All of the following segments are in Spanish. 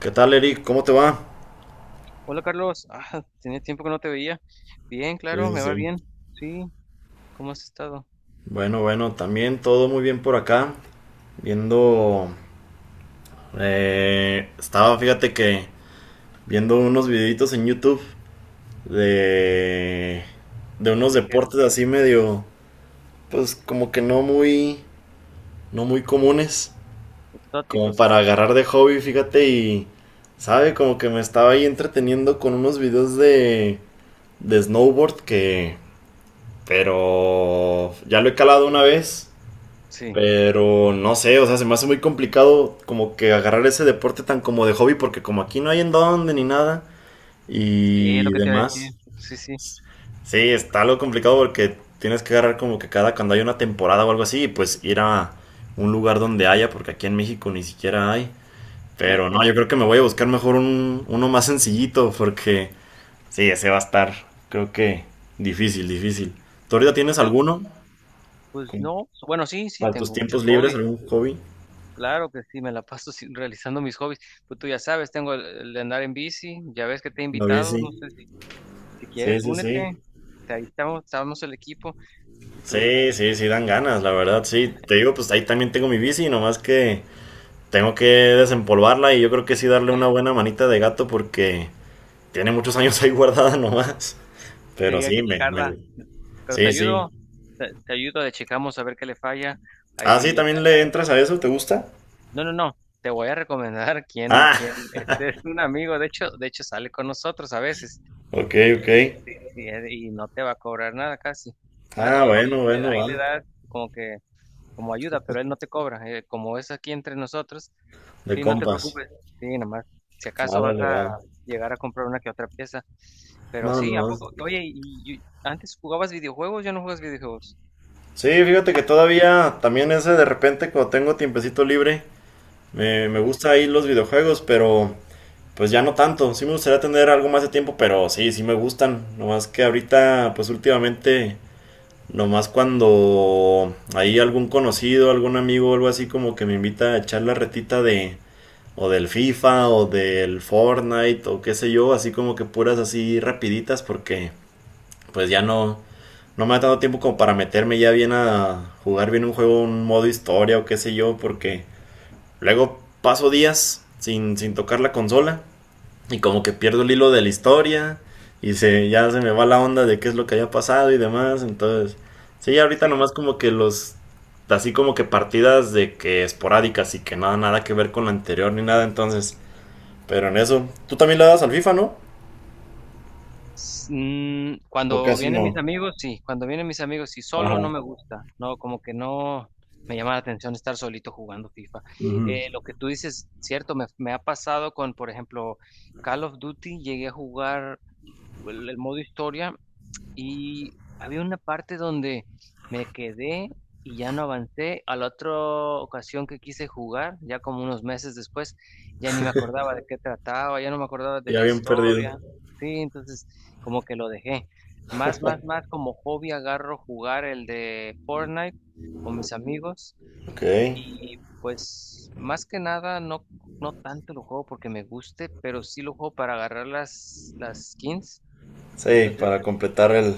¿Qué tal, Eric? ¿Cómo te va? Hola Carlos, tenía tiempo que no te veía. Bien, Sí, claro, sí, me va sí. bien. Sí, ¿cómo has estado? Bueno, bueno, también todo muy bien por acá. Viendo... estaba, fíjate que viendo unos videitos en YouTube de... de unos ¿De qué eran? deportes así medio... pues como que no muy... no muy comunes. Como ¿Exóticos o para cómo? agarrar de hobby, fíjate, y... ¿Sabe? Como que me estaba ahí entreteniendo con unos videos de snowboard que... pero... ya lo he calado una vez. Sí, Pero no sé, o sea, se me hace muy complicado como que agarrar ese deporte tan como de hobby porque como aquí no hay en dónde ni nada sí, es lo y que te iba a decir. demás. Sí, sí, Sí, está algo complicado porque tienes que agarrar como que cada cuando hay una temporada o algo así, y pues ir a un lugar donde haya porque aquí en México ni siquiera hay. Pero no, cierto. yo creo que me voy a buscar mejor uno más sencillito porque sí, ese va a estar, creo que difícil, difícil. ¿Tú ahorita ¿Por tienes qué? alguno? Pues Con- no, bueno, sí, sí, ¿Para tus tengo muchos tiempos libres, hobbies. algún hobby? Claro que sí, me la paso realizando mis hobbies. Pues tú ya sabes, tengo el de andar en bici, ya ves que te he No, invitado, sí. no sé si, si quieres, Sí, sí, sí. únete. Ahí estamos el equipo y tú, Sí, sí, sí, dan ganas, la verdad, sí. Te digo, pues ahí también tengo mi bici, nomás que tengo que desempolvarla y yo creo que sí darle una buena manita de gato porque tiene muchos años ahí guardada nomás. sí, Pero hay sí, que me... checarla, pero te Sí, sí. ayudo, te ayudo, le checamos a ver qué le falla. Ah, sí, Ahí yo te también le entras a eso, ¿te gusta? No, no, no. Te voy a recomendar quién, Ah, este es un amigo, de hecho sale con nosotros a veces. ok, Eh, ok. sí, sí, y no te va a cobrar nada casi. Ah, O si bueno, le bueno, da y va. le da como que, como ayuda, pero él no te cobra. Como es aquí entre nosotros, De sí, no te compas. preocupes. Sí, nomás. Si acaso vas Árale, a va. llegar a comprar una que otra pieza. Pero No, no. sí, ¿a No. poco? Oye, ¿ antes jugabas videojuegos? ¿Ya no juegas videojuegos? Sí, fíjate que todavía también ese de repente cuando tengo tiempecito libre, me Sí, gusta ahí los videojuegos, pero pues ya no tanto. Sí me gustaría tener algo más de tiempo, pero sí, sí me gustan. Nomás que ahorita, pues últimamente, nomás cuando hay algún conocido, algún amigo o algo así como que me invita a echar la retita de o del FIFA o del Fortnite o qué sé yo, así como que puras así rapiditas porque pues ya no me ha dado tiempo como para meterme ya bien a jugar bien un juego, un modo historia o qué sé yo, porque luego paso días sin tocar la consola y como que pierdo el hilo de la historia. Ya se me va la onda de qué es lo que haya pasado y demás. Entonces, sí, ahorita sí. nomás como que los. Así como que partidas de que esporádicas y que nada, nada que ver con la anterior ni nada. Entonces, pero en eso. ¿Tú también le das al FIFA, no? S- mm, O cuando casi vienen mis no. amigos, sí, cuando vienen mis amigos, sí, solo no Ajá. me gusta, no, como que no me llama la atención estar solito jugando FIFA. Ujú. Lo que tú dices, cierto, me ha pasado con, por ejemplo, Call of Duty, llegué a jugar el modo historia y había una parte donde me quedé y ya no avancé. A la otra ocasión que quise jugar, ya como unos meses después, ya ni me acordaba de qué trataba, ya no me acordaba de Ya la bien perdido. historia. Sí, entonces como que lo dejé. Más como hobby agarro jugar el de Fortnite con mis amigos Ok. y pues más que nada no, no tanto lo juego porque me guste, pero sí lo juego para agarrar las skins. Sí, Entonces, para completar el,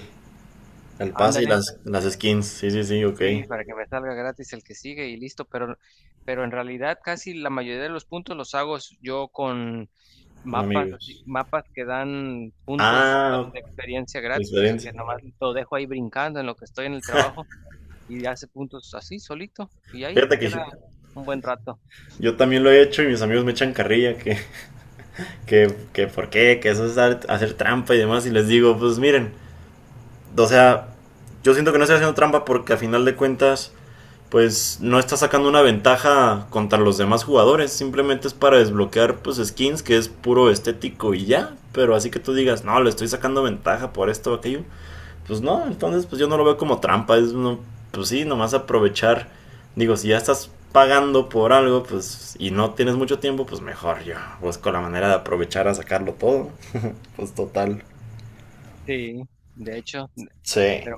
el pase y ándale. las skins. Sí, sí, sí, ok. Sí, para que me salga gratis el que sigue y listo, pero en realidad casi la mayoría de los puntos los hago yo con Son mapas, amigos. mapas que dan puntos, bueno, Ah, de experiencia gratis, o sea experiencia. que nomás lo dejo ahí brincando en lo que estoy en el trabajo y hace puntos así solito y ahí se Fíjate queda que un buen rato. yo también lo he hecho y mis amigos me echan carrilla que por qué, que eso es hacer trampa y demás. Y les digo, pues miren, o sea, yo siento que no estoy haciendo trampa porque a final de cuentas, pues no está sacando una ventaja contra los demás jugadores. Simplemente es para desbloquear, pues, skins que es puro estético y ya. Pero así que tú digas, no, le estoy sacando ventaja por esto o aquello pues no, entonces pues yo no lo veo como trampa, es no, pues sí, nomás aprovechar, digo, si ya estás pagando por algo, pues y no tienes mucho tiempo, pues mejor yo busco la manera de aprovechar a sacarlo todo, pues total. Sí, de hecho. Sí. Pero,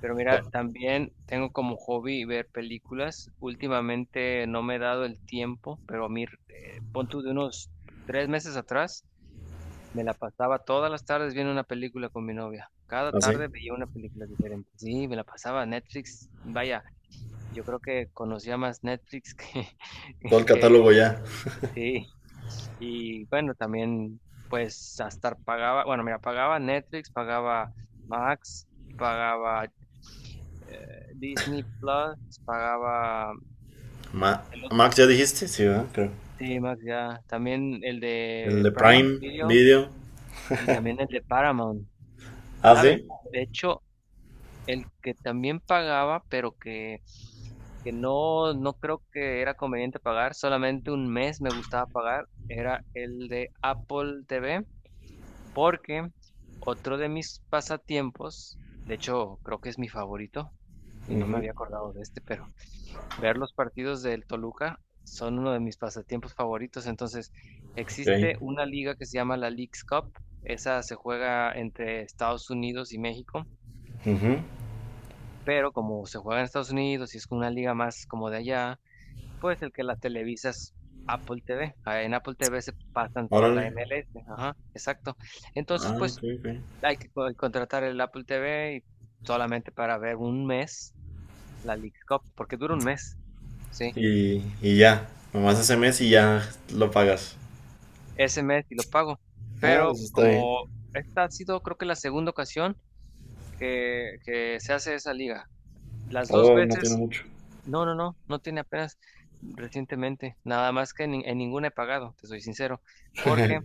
pero mira, también tengo como hobby ver películas. Últimamente no me he dado el tiempo, pero a mí, pon tú de unos 3 meses atrás, me la pasaba todas las tardes viendo una película con mi novia. Cada Así, tarde veía una película diferente. Sí, me la pasaba Netflix. Vaya, yo creo que conocía más Netflix que, todo el que catálogo ya. Sí. Y bueno, también pues hasta pagaba, bueno, mira, pagaba Netflix, pagaba Max, pagaba Disney Plus, pagaba Ma- el otro, Max, ¿ya dijiste? Sí, ¿verdad? Creo. sí, Max ya, también el El de de Prime Prime Video Video. y también el de Paramount, Ah, ¿sabes? sí. De hecho, el que también pagaba, pero que no creo que era conveniente pagar, solamente un mes me gustaba pagar, era el de Apple TV. Porque otro de mis pasatiempos, de hecho creo que es mi favorito, y no me Ujú. había acordado de este, pero ver los partidos del Toluca son uno de mis pasatiempos favoritos. Entonces, Ok, existe una liga que se llama la Leagues Cup, esa se juega entre Estados Unidos y México, pero como se juega en Estados Unidos y es una liga más como de allá, pues el que la televisa es Apple TV. Ah, en Apple TV se pasan toda órale. la MLS, ajá, exacto. Entonces, Ah, ok, pues ok. hay que contratar el Apple TV y solamente para ver un mes la Leagues Cup, porque dura un mes, ¿sí? Y ya, nomás ese mes y ya lo pagas. Ese mes y lo pago. Ah, pues Pero está bien. como esta ha sido, creo que la segunda ocasión que se hace esa liga. Las dos Oh, no tiene veces, mucho. no, no, no, no tiene apenas recientemente. Nada más que en ninguna he pagado, te soy sincero, porque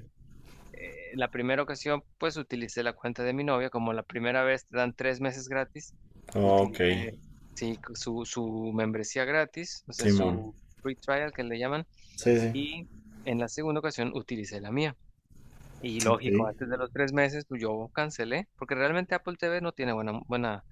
la primera ocasión, pues utilicé la cuenta de mi novia, como la primera vez te dan 3 meses gratis, Ok, utilicé, sí, su membresía gratis, o sea, Simón. su free trial que le llaman, Sí, sí. y en la segunda ocasión utilicé la mía. Y Ok. lógico, antes de los 3 meses, pues yo cancelé, porque realmente Apple TV no tiene buena, buena,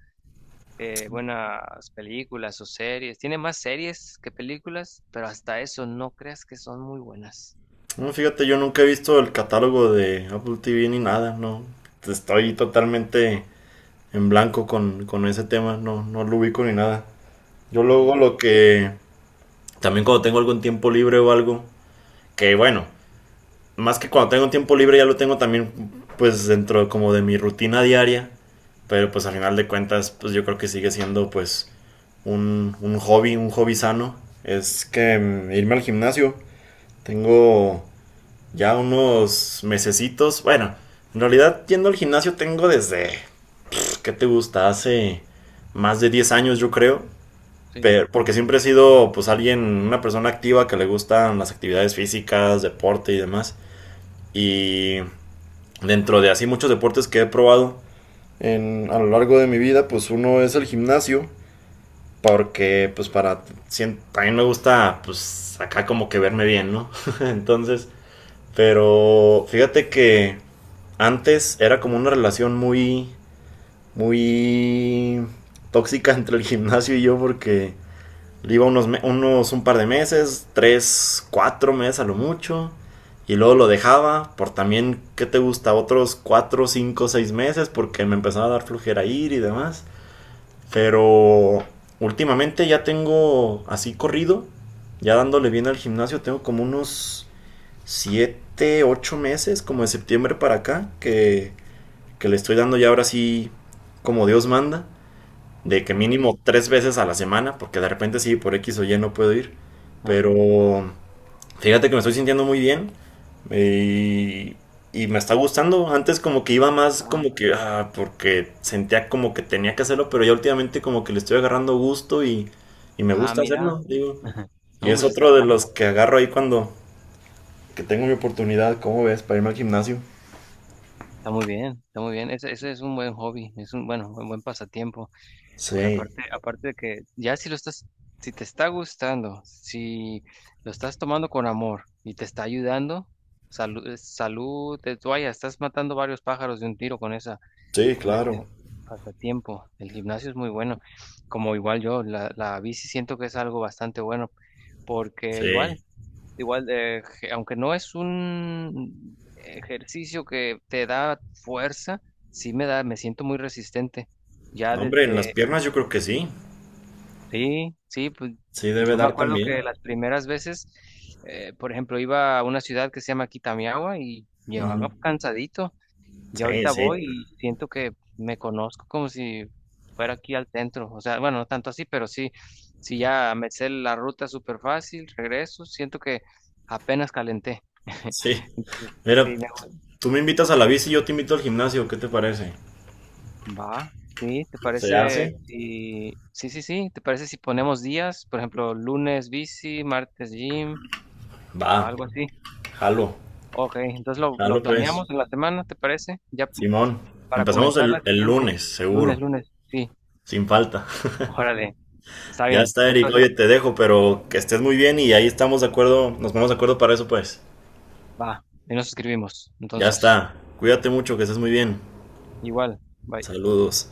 eh, buenas películas o series, tiene más series que películas, pero hasta eso no creas que son muy buenas. No, fíjate, yo nunca he visto el catálogo de Apple TV ni nada, no. Estoy totalmente en blanco con ese tema, no, no lo ubico ni nada. Yo Sí, luego lo que... También cuando tengo algún tiempo libre o algo, que bueno, más que cuando tengo un tiempo libre ya lo tengo también pues dentro como de mi rutina diaria, pero pues al final de cuentas pues yo creo que sigue siendo pues un hobby, un hobby sano, es que irme al gimnasio. Tengo ya unos mesecitos. Bueno, en realidad yendo al gimnasio tengo desde, ¿qué te gusta? Hace más de 10 años yo creo. sí, Pero, porque siempre he sido pues alguien, una persona activa que le gustan las actividades físicas, deporte y demás. Y dentro de así muchos deportes que he probado a lo largo de mi vida, pues uno es el gimnasio. Porque, pues, para. También me gusta, pues, acá como que verme bien, ¿no? Entonces, pero fíjate que antes era como una relación muy. Muy tóxica entre el gimnasio y yo, porque iba unos un par de meses, tres, cuatro meses a lo mucho. Y luego lo dejaba por también, ¿qué te gusta? Otros cuatro, cinco, seis meses porque me empezaba a dar flujera ir y demás. Pero últimamente ya tengo así corrido, ya dándole bien al gimnasio, tengo como unos 7 u 8 meses, como de septiembre para acá, que le estoy dando ya ahora sí como Dios manda, de que ok. mínimo 3 veces a la semana, porque de repente sí, por X o Y no puedo ir, pero Ajá. fíjate que me estoy sintiendo muy bien, eh, y me está gustando. Antes como que iba más como Ah, que, ah, porque sentía como que tenía que hacerlo, pero ya últimamente como que le estoy agarrando gusto y me ah, gusta mira. hacerlo, digo. Y No, es pues está otro de bien, los que agarro ahí cuando que tengo mi oportunidad, ¿cómo ves? Para irme al gimnasio. está muy bien, está muy bien. Ese es un buen hobby, es un, bueno, un buen pasatiempo. Pues Sí, aparte de que ya si lo estás, si te está gustando, si lo estás tomando con amor y te está ayudando, salud, es salud, de toalla, estás matando varios pájaros de un tiro con esa, sí, con claro. ese pasatiempo. El gimnasio es muy bueno. Como igual yo, la bici siento que es algo bastante bueno, porque Sí. Aunque no es un ejercicio que te da fuerza, sí me da, me siento muy resistente. Ya No, hombre, en las desde, piernas yo creo que sí. sí, sí, pues Sí, debe yo me dar acuerdo que también. las primeras veces, por ejemplo, iba a una ciudad que se llama Kitamiawa y Ujú. llevaba cansadito. Yo Sí, ahorita sí. voy y siento que me conozco como si fuera aquí al centro. O sea, bueno, no tanto así, pero sí, sí ya me sé la ruta súper fácil, regreso, siento que apenas calenté. Sí. Entonces, sí, Mira, me tú me invitas a la bici y yo te invito al gimnasio, ¿qué te parece? va. Sí, ¿te ¿Se parece hace? si... Sí, sí, sí, ¿te parece si ponemos días? Por ejemplo, lunes bici, martes gym, Va, algo así. jalo, Ok, entonces lo jalo pues. planeamos en la semana, ¿te parece? Ya Simón, para empezamos comenzar la el siguiente. lunes, Lunes, seguro, lunes, sí. sin falta. Órale. Está Ya bien. está, Eric, Entonces, oye, te dejo, pero que estés muy bien y ahí estamos de acuerdo, nos ponemos de acuerdo para eso pues. va. Y nos escribimos. Ya Entonces, está, cuídate mucho, que estés muy bien. igual. Bye. Saludos.